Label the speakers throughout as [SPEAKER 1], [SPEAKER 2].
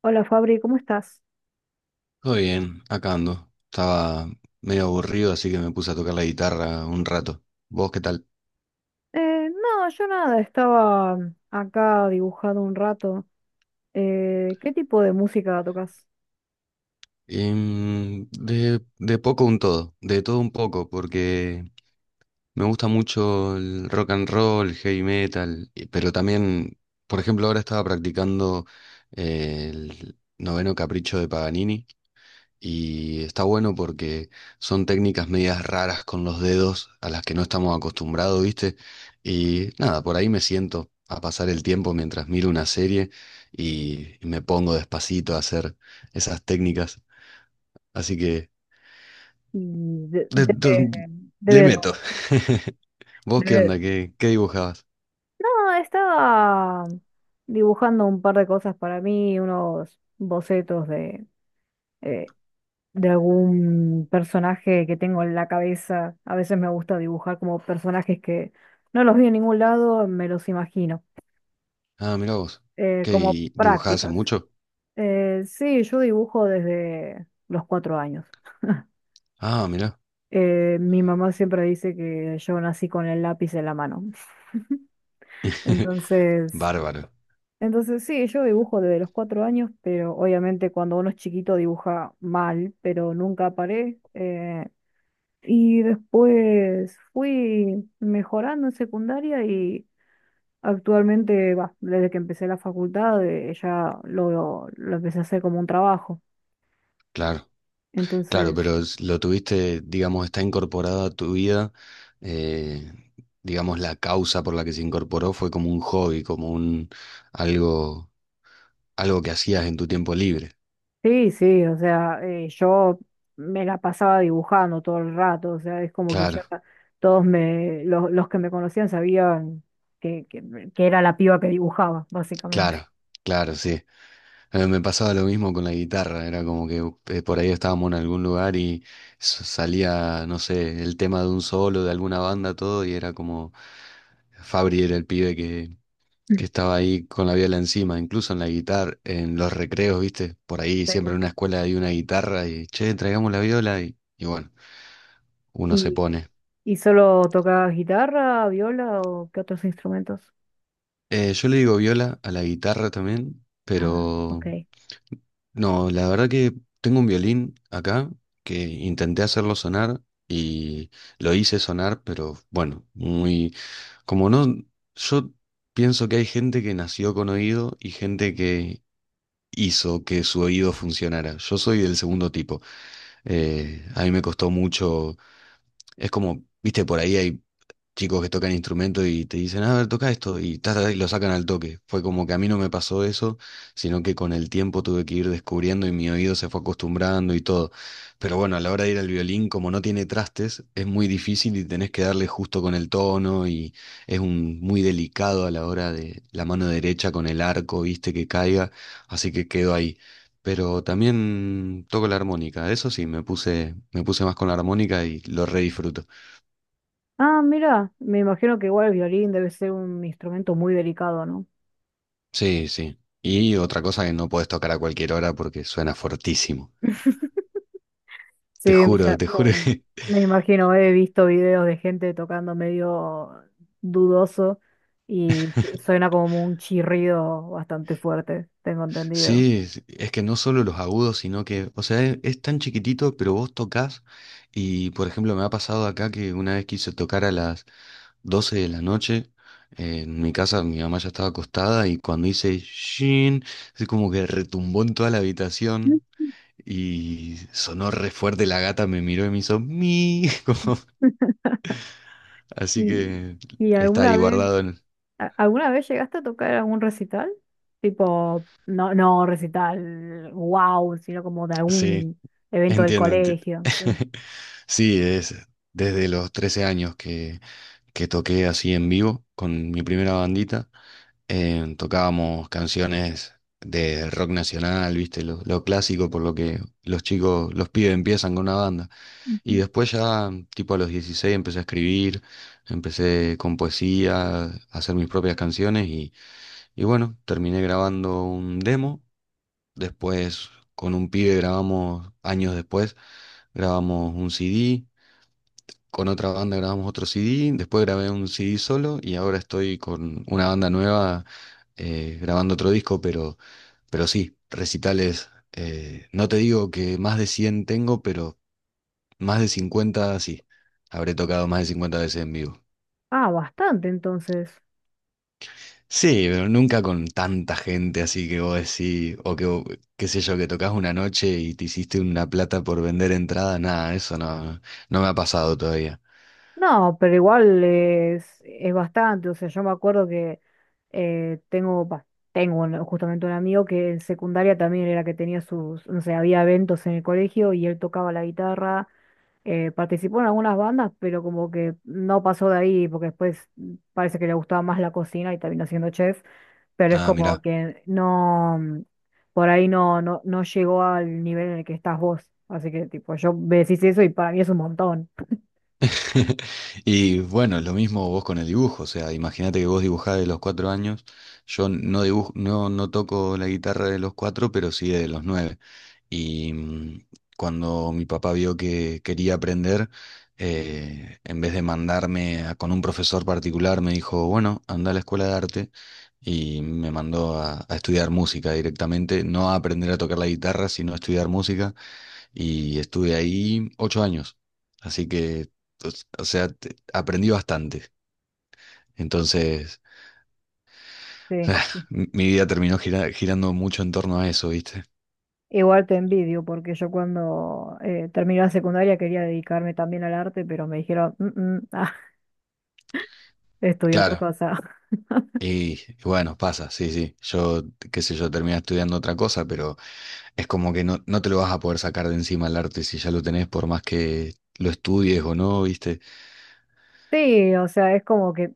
[SPEAKER 1] Hola Fabri, ¿cómo estás?
[SPEAKER 2] Todo bien, acá ando. Estaba medio aburrido, así que me puse a tocar la guitarra un rato. ¿Vos qué tal?
[SPEAKER 1] No, yo nada, estaba acá dibujando un rato. ¿Qué tipo de música tocas?
[SPEAKER 2] De todo un poco, porque me gusta mucho el rock and roll, el heavy metal, pero también, por ejemplo, ahora estaba practicando el noveno capricho de Paganini. Y está bueno porque son técnicas medias raras con los dedos a las que no estamos acostumbrados, ¿viste? Y nada, por ahí me siento a pasar el tiempo mientras miro una serie y me pongo despacito a hacer esas técnicas. Así que
[SPEAKER 1] Y de,
[SPEAKER 2] de-
[SPEAKER 1] de-
[SPEAKER 2] de- le
[SPEAKER 1] debe-
[SPEAKER 2] meto. ¿Vos qué
[SPEAKER 1] debe-
[SPEAKER 2] onda? ¿Qué dibujabas?
[SPEAKER 1] No, estaba dibujando un par de cosas para mí, unos bocetos eh, de algún personaje que tengo en la cabeza. A veces me gusta dibujar como personajes que no los vi en ningún lado, me los imagino,
[SPEAKER 2] Ah, mirá vos.
[SPEAKER 1] como
[SPEAKER 2] ¿Qué dibujabas hace
[SPEAKER 1] prácticas.
[SPEAKER 2] mucho?
[SPEAKER 1] Sí, yo dibujo desde los 4 años.
[SPEAKER 2] Ah, mirá.
[SPEAKER 1] Mi mamá siempre dice que yo nací con el lápiz en la mano. Entonces,
[SPEAKER 2] Bárbaro.
[SPEAKER 1] entonces sí, yo dibujo desde los cuatro años, pero obviamente cuando uno es chiquito dibuja mal, pero nunca paré. Y después fui mejorando en secundaria y actualmente, bah, desde que empecé la facultad, ya lo empecé a hacer como un trabajo.
[SPEAKER 2] Claro. Claro,
[SPEAKER 1] Entonces...
[SPEAKER 2] pero lo tuviste, digamos, está incorporado a tu vida, eh, digamos, la causa por la que se incorporó fue como un hobby, como un algo, algo que hacías en tu tiempo libre.
[SPEAKER 1] Sí, sí, o sea, yo me la pasaba dibujando todo el rato, o sea, es como que
[SPEAKER 2] Claro,
[SPEAKER 1] ya todos los que me conocían sabían que, que, que era la piba que dibujaba, básicamente.
[SPEAKER 2] claro, claro, sí. Me pasaba lo mismo con la guitarra, era como que por ahí estábamos en algún lugar y salía, no sé, el tema de un solo, de alguna banda, todo, y era como Fabri era el pibe que estaba ahí con la viola encima, incluso en la guitarra, en los recreos, ¿viste? Por ahí siempre
[SPEAKER 1] Sí.
[SPEAKER 2] en una escuela hay una guitarra y, che, traigamos la viola y bueno, uno se
[SPEAKER 1] ¿Y,
[SPEAKER 2] pone.
[SPEAKER 1] y solo tocaba guitarra, viola o qué otros instrumentos?
[SPEAKER 2] Yo le digo viola a la guitarra también,
[SPEAKER 1] Ah,
[SPEAKER 2] pero
[SPEAKER 1] ok.
[SPEAKER 2] no, la verdad que tengo un violín acá que intenté hacerlo sonar y lo hice sonar, pero bueno, muy, como no, yo pienso que hay gente que nació con oído y gente que hizo que su oído funcionara. Yo soy del segundo tipo. A mí me costó mucho, es como, viste, por ahí hay chicos que tocan instrumentos y te dicen, a ver, toca esto, y, ta, ta, ta, y lo sacan al toque. Fue como que a mí no me pasó eso, sino que con el tiempo tuve que ir descubriendo y mi oído se fue acostumbrando y todo. Pero bueno, a la hora de ir al violín, como no tiene trastes, es muy difícil y tenés que darle justo con el tono y es un, muy delicado a la hora de la mano derecha con el arco, viste, que caiga, así que quedó ahí. Pero también toco la armónica, eso sí, me puse más con la armónica y lo re disfruto.
[SPEAKER 1] Ah, mira, me imagino que igual el violín debe ser un instrumento muy delicado, ¿no?
[SPEAKER 2] Sí, sí. Y otra cosa que no puedes tocar a cualquier hora porque suena fortísimo.
[SPEAKER 1] Sí,
[SPEAKER 2] Te juro que
[SPEAKER 1] me imagino, he visto videos de gente tocando medio dudoso y suena como un chirrido bastante fuerte, tengo entendido.
[SPEAKER 2] sí, es que no solo los agudos, sino que, o sea, es tan chiquitito, pero vos tocas y, por ejemplo, me ha pasado acá que una vez quise tocar a las 12 de la noche, en mi casa mi mamá ya estaba acostada y cuando hice shin, así como que retumbó en toda la
[SPEAKER 1] Mm.
[SPEAKER 2] habitación y sonó re fuerte, la gata me miró y me hizo mi, como, así
[SPEAKER 1] ¿Y,
[SPEAKER 2] que
[SPEAKER 1] y
[SPEAKER 2] está
[SPEAKER 1] alguna
[SPEAKER 2] ahí
[SPEAKER 1] vez,
[SPEAKER 2] guardado.
[SPEAKER 1] alguna vez llegaste a tocar algún recital? Tipo, no, no recital, wow, sino como de
[SPEAKER 2] Sí,
[SPEAKER 1] algún evento del
[SPEAKER 2] entiendo.
[SPEAKER 1] colegio. Sí.
[SPEAKER 2] Sí, es desde los 13 años que toqué así en vivo con mi primera bandita. Tocábamos canciones de rock nacional, viste, lo clásico por lo que los chicos, los pibes empiezan con una banda. Y
[SPEAKER 1] Ujú.
[SPEAKER 2] después ya, tipo a los 16 empecé a escribir, empecé con poesía, a hacer mis propias canciones y bueno, terminé grabando un demo. Después con un pibe grabamos, años después, grabamos un CD. Con otra banda grabamos otro CD. Después grabé un CD solo y ahora estoy con una banda nueva grabando otro disco, pero sí, recitales. No te digo que más de 100 tengo, pero más de 50 sí. Habré tocado más de 50 veces en vivo.
[SPEAKER 1] Ah, bastante entonces.
[SPEAKER 2] Sí, pero nunca con tanta gente así que vos decís, qué sé yo, que tocas una noche y te hiciste una plata por vender entrada, nada, eso no me ha pasado todavía.
[SPEAKER 1] No, pero igual es bastante. O sea, yo me acuerdo que tengo, bah, justamente un amigo que en secundaria también era que tenía sus, no sé, había eventos en el colegio y él tocaba la guitarra, participó en algunas bandas, pero como que no pasó de ahí porque después parece que le gustaba más la cocina y terminó siendo chef, pero es
[SPEAKER 2] Ah,
[SPEAKER 1] como
[SPEAKER 2] mirá.
[SPEAKER 1] que no, por ahí no, no llegó al nivel en el que estás vos. Así que tipo, yo me decís eso y para mí es un montón.
[SPEAKER 2] Y bueno, lo mismo vos con el dibujo, o sea, imagínate que vos dibujás de los 4 años, yo no dibujo, no toco la guitarra de los 4, pero sí de los 9. Y cuando mi papá vio que quería aprender, en vez de mandarme con un profesor particular, me dijo, bueno, anda a la escuela de arte y me mandó a estudiar música directamente, no a aprender a tocar la guitarra, sino a estudiar música y estuve ahí 8 años. Así que, o sea, aprendí bastante. Entonces,
[SPEAKER 1] Sí.
[SPEAKER 2] mi vida terminó girando mucho en torno a eso, ¿viste?
[SPEAKER 1] Igual te envidio, porque yo cuando terminé la secundaria quería dedicarme también al arte, pero me dijeron, "Mm, mm, ah, estudia otra
[SPEAKER 2] Claro,
[SPEAKER 1] cosa.
[SPEAKER 2] y bueno, pasa, sí, sí. Yo, qué sé yo, terminé estudiando otra cosa, pero es como que no, no te lo vas a poder sacar de encima el arte si ya lo tenés, por más que lo estudies o no, ¿viste?
[SPEAKER 1] Sí, o sea, es como que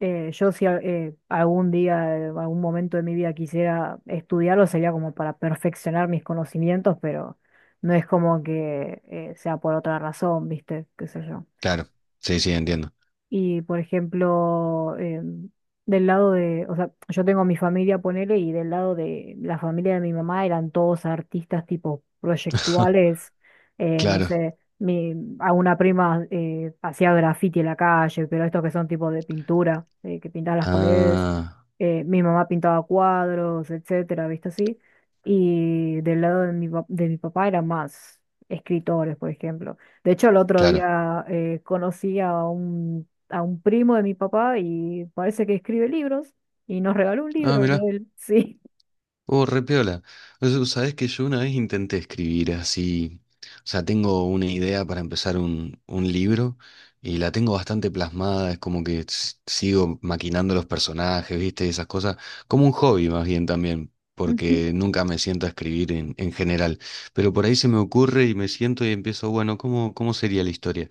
[SPEAKER 1] yo si al- algún día, algún momento de mi vida quisiera estudiarlo, sería como para perfeccionar mis conocimientos, pero no es como que sea por otra razón, ¿viste? ¿Qué sé yo?
[SPEAKER 2] Claro, sí, sí, entiendo.
[SPEAKER 1] Y por ejemplo, del lado de, o sea, yo tengo mi familia, ponele, y del lado de la familia de mi mamá eran todos artistas tipo proyectuales, no
[SPEAKER 2] Claro.
[SPEAKER 1] sé, a una prima hacía graffiti en la calle, pero estos que son tipo de pintura, que pintaban las paredes,
[SPEAKER 2] Ah,
[SPEAKER 1] mi mamá pintaba cuadros, etcétera, ¿viste así? Y del lado de de mi papá eran más escritores, por ejemplo. De hecho, el otro
[SPEAKER 2] claro.
[SPEAKER 1] día conocí a un primo de mi papá y parece que escribe libros y nos regaló un
[SPEAKER 2] Ah,
[SPEAKER 1] libro de
[SPEAKER 2] mira.
[SPEAKER 1] él, sí.
[SPEAKER 2] Oh, re piola. O sea, sabés que yo una vez intenté escribir así. O sea, tengo una idea para empezar un libro y la tengo bastante plasmada. Es como que sigo maquinando los personajes, ¿viste? Esas cosas. Como un hobby más bien también,
[SPEAKER 1] Ujú.
[SPEAKER 2] porque nunca me siento a escribir en general. Pero por ahí se me ocurre y me siento y empiezo, bueno, ¿cómo sería la historia?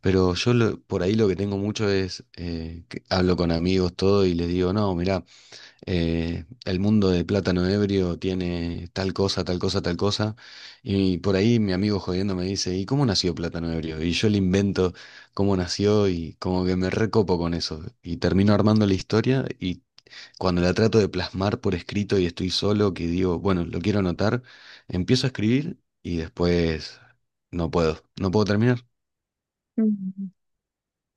[SPEAKER 2] Pero por ahí lo que tengo mucho es, que hablo con amigos, todo, y les digo, no, mirá el mundo de plátano ebrio tiene tal cosa, tal cosa, tal cosa. Y por ahí mi amigo jodiendo me dice, ¿y cómo nació plátano ebrio? Y yo le invento cómo nació y como que me recopo con eso. Y termino armando la historia y cuando la trato de plasmar por escrito y estoy solo, que digo, bueno, lo quiero anotar, empiezo a escribir y después no puedo terminar.
[SPEAKER 1] Mm,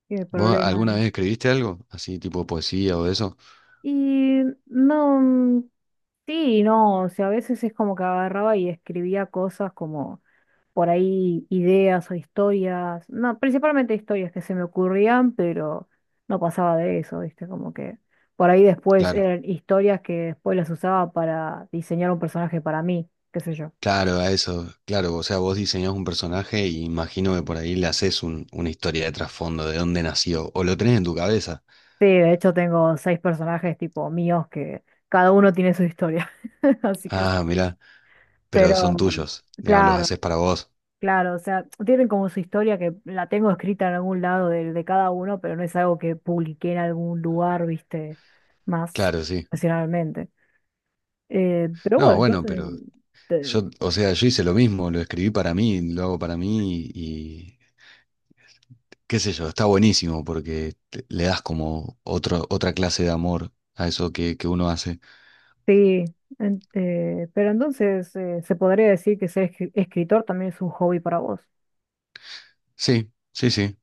[SPEAKER 1] qué
[SPEAKER 2] ¿Vos
[SPEAKER 1] problema
[SPEAKER 2] alguna
[SPEAKER 1] es.
[SPEAKER 2] vez escribiste algo así tipo poesía o eso?
[SPEAKER 1] Y no, mm, sí, no, o sea, a veces es como que agarraba y escribía cosas como por ahí ideas o historias, no, principalmente historias que se me ocurrían, pero no pasaba de eso, ¿viste? Como que por ahí después
[SPEAKER 2] Claro.
[SPEAKER 1] eran historias que después las usaba para diseñar un personaje para mí, qué sé yo.
[SPEAKER 2] Claro, a eso, claro, o sea, vos diseñás un personaje y imagino que por ahí le haces una historia de trasfondo, de dónde nació, o lo tenés en tu cabeza.
[SPEAKER 1] Sí, de hecho tengo seis personajes tipo míos que cada uno tiene su historia. Así que sí.
[SPEAKER 2] Ah, mirá, pero
[SPEAKER 1] Pero,
[SPEAKER 2] son tuyos, digamos, los
[SPEAKER 1] claro,
[SPEAKER 2] haces para vos.
[SPEAKER 1] claro, o sea, tienen como su historia que la tengo escrita en algún lado de cada uno, pero no es algo que publiqué en algún lugar, viste, más
[SPEAKER 2] Claro, sí.
[SPEAKER 1] profesionalmente. Pero
[SPEAKER 2] No,
[SPEAKER 1] bueno,
[SPEAKER 2] bueno,
[SPEAKER 1] entonces,
[SPEAKER 2] pero
[SPEAKER 1] te-
[SPEAKER 2] yo, o sea, yo hice lo mismo, lo escribí para mí, lo hago para mí y qué sé yo, está buenísimo porque le das como otro, otra clase de amor a eso que uno hace.
[SPEAKER 1] sí, pero entonces se podría decir que ser escritor también es un hobby para vos.
[SPEAKER 2] Sí, sí, sí.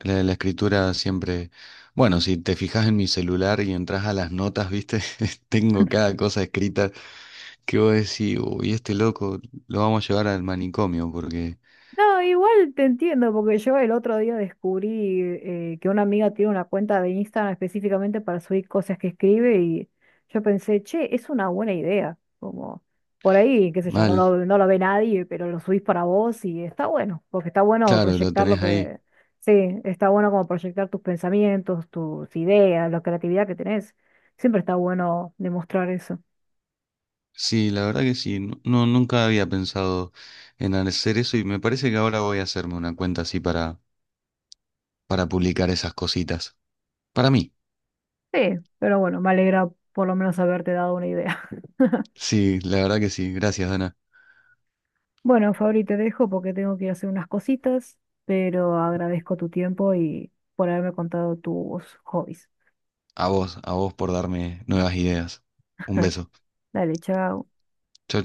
[SPEAKER 2] La escritura siempre, bueno, si te fijas en mi celular y entras a las notas, viste, tengo cada cosa escrita que vos decís, uy, este loco lo vamos a llevar al manicomio porque
[SPEAKER 1] No, igual te entiendo, porque yo el otro día descubrí que una amiga tiene una cuenta de Instagram específicamente para subir cosas que escribe y yo pensé, che, es una buena idea, como por ahí, qué sé yo,
[SPEAKER 2] mal,
[SPEAKER 1] no lo ve nadie, pero lo subís para vos y está bueno, porque está bueno
[SPEAKER 2] claro, lo
[SPEAKER 1] proyectar lo
[SPEAKER 2] tenés ahí.
[SPEAKER 1] que, sí, está bueno como proyectar tus pensamientos, tus ideas, la creatividad que tenés. Siempre está bueno demostrar eso.
[SPEAKER 2] Sí, la verdad que sí, nunca había pensado en hacer eso y me parece que ahora voy a hacerme una cuenta así para publicar esas cositas. Para mí,
[SPEAKER 1] Sí, pero bueno, me alegra por lo menos haberte dado una idea.
[SPEAKER 2] sí, la verdad que sí, gracias Dana.
[SPEAKER 1] Bueno, Fabri, te dejo porque tengo que ir a hacer unas cositas, pero agradezco tu tiempo y por haberme contado tus hobbies.
[SPEAKER 2] A vos por darme nuevas ideas. Un beso.
[SPEAKER 1] Dale, chao.
[SPEAKER 2] Chau,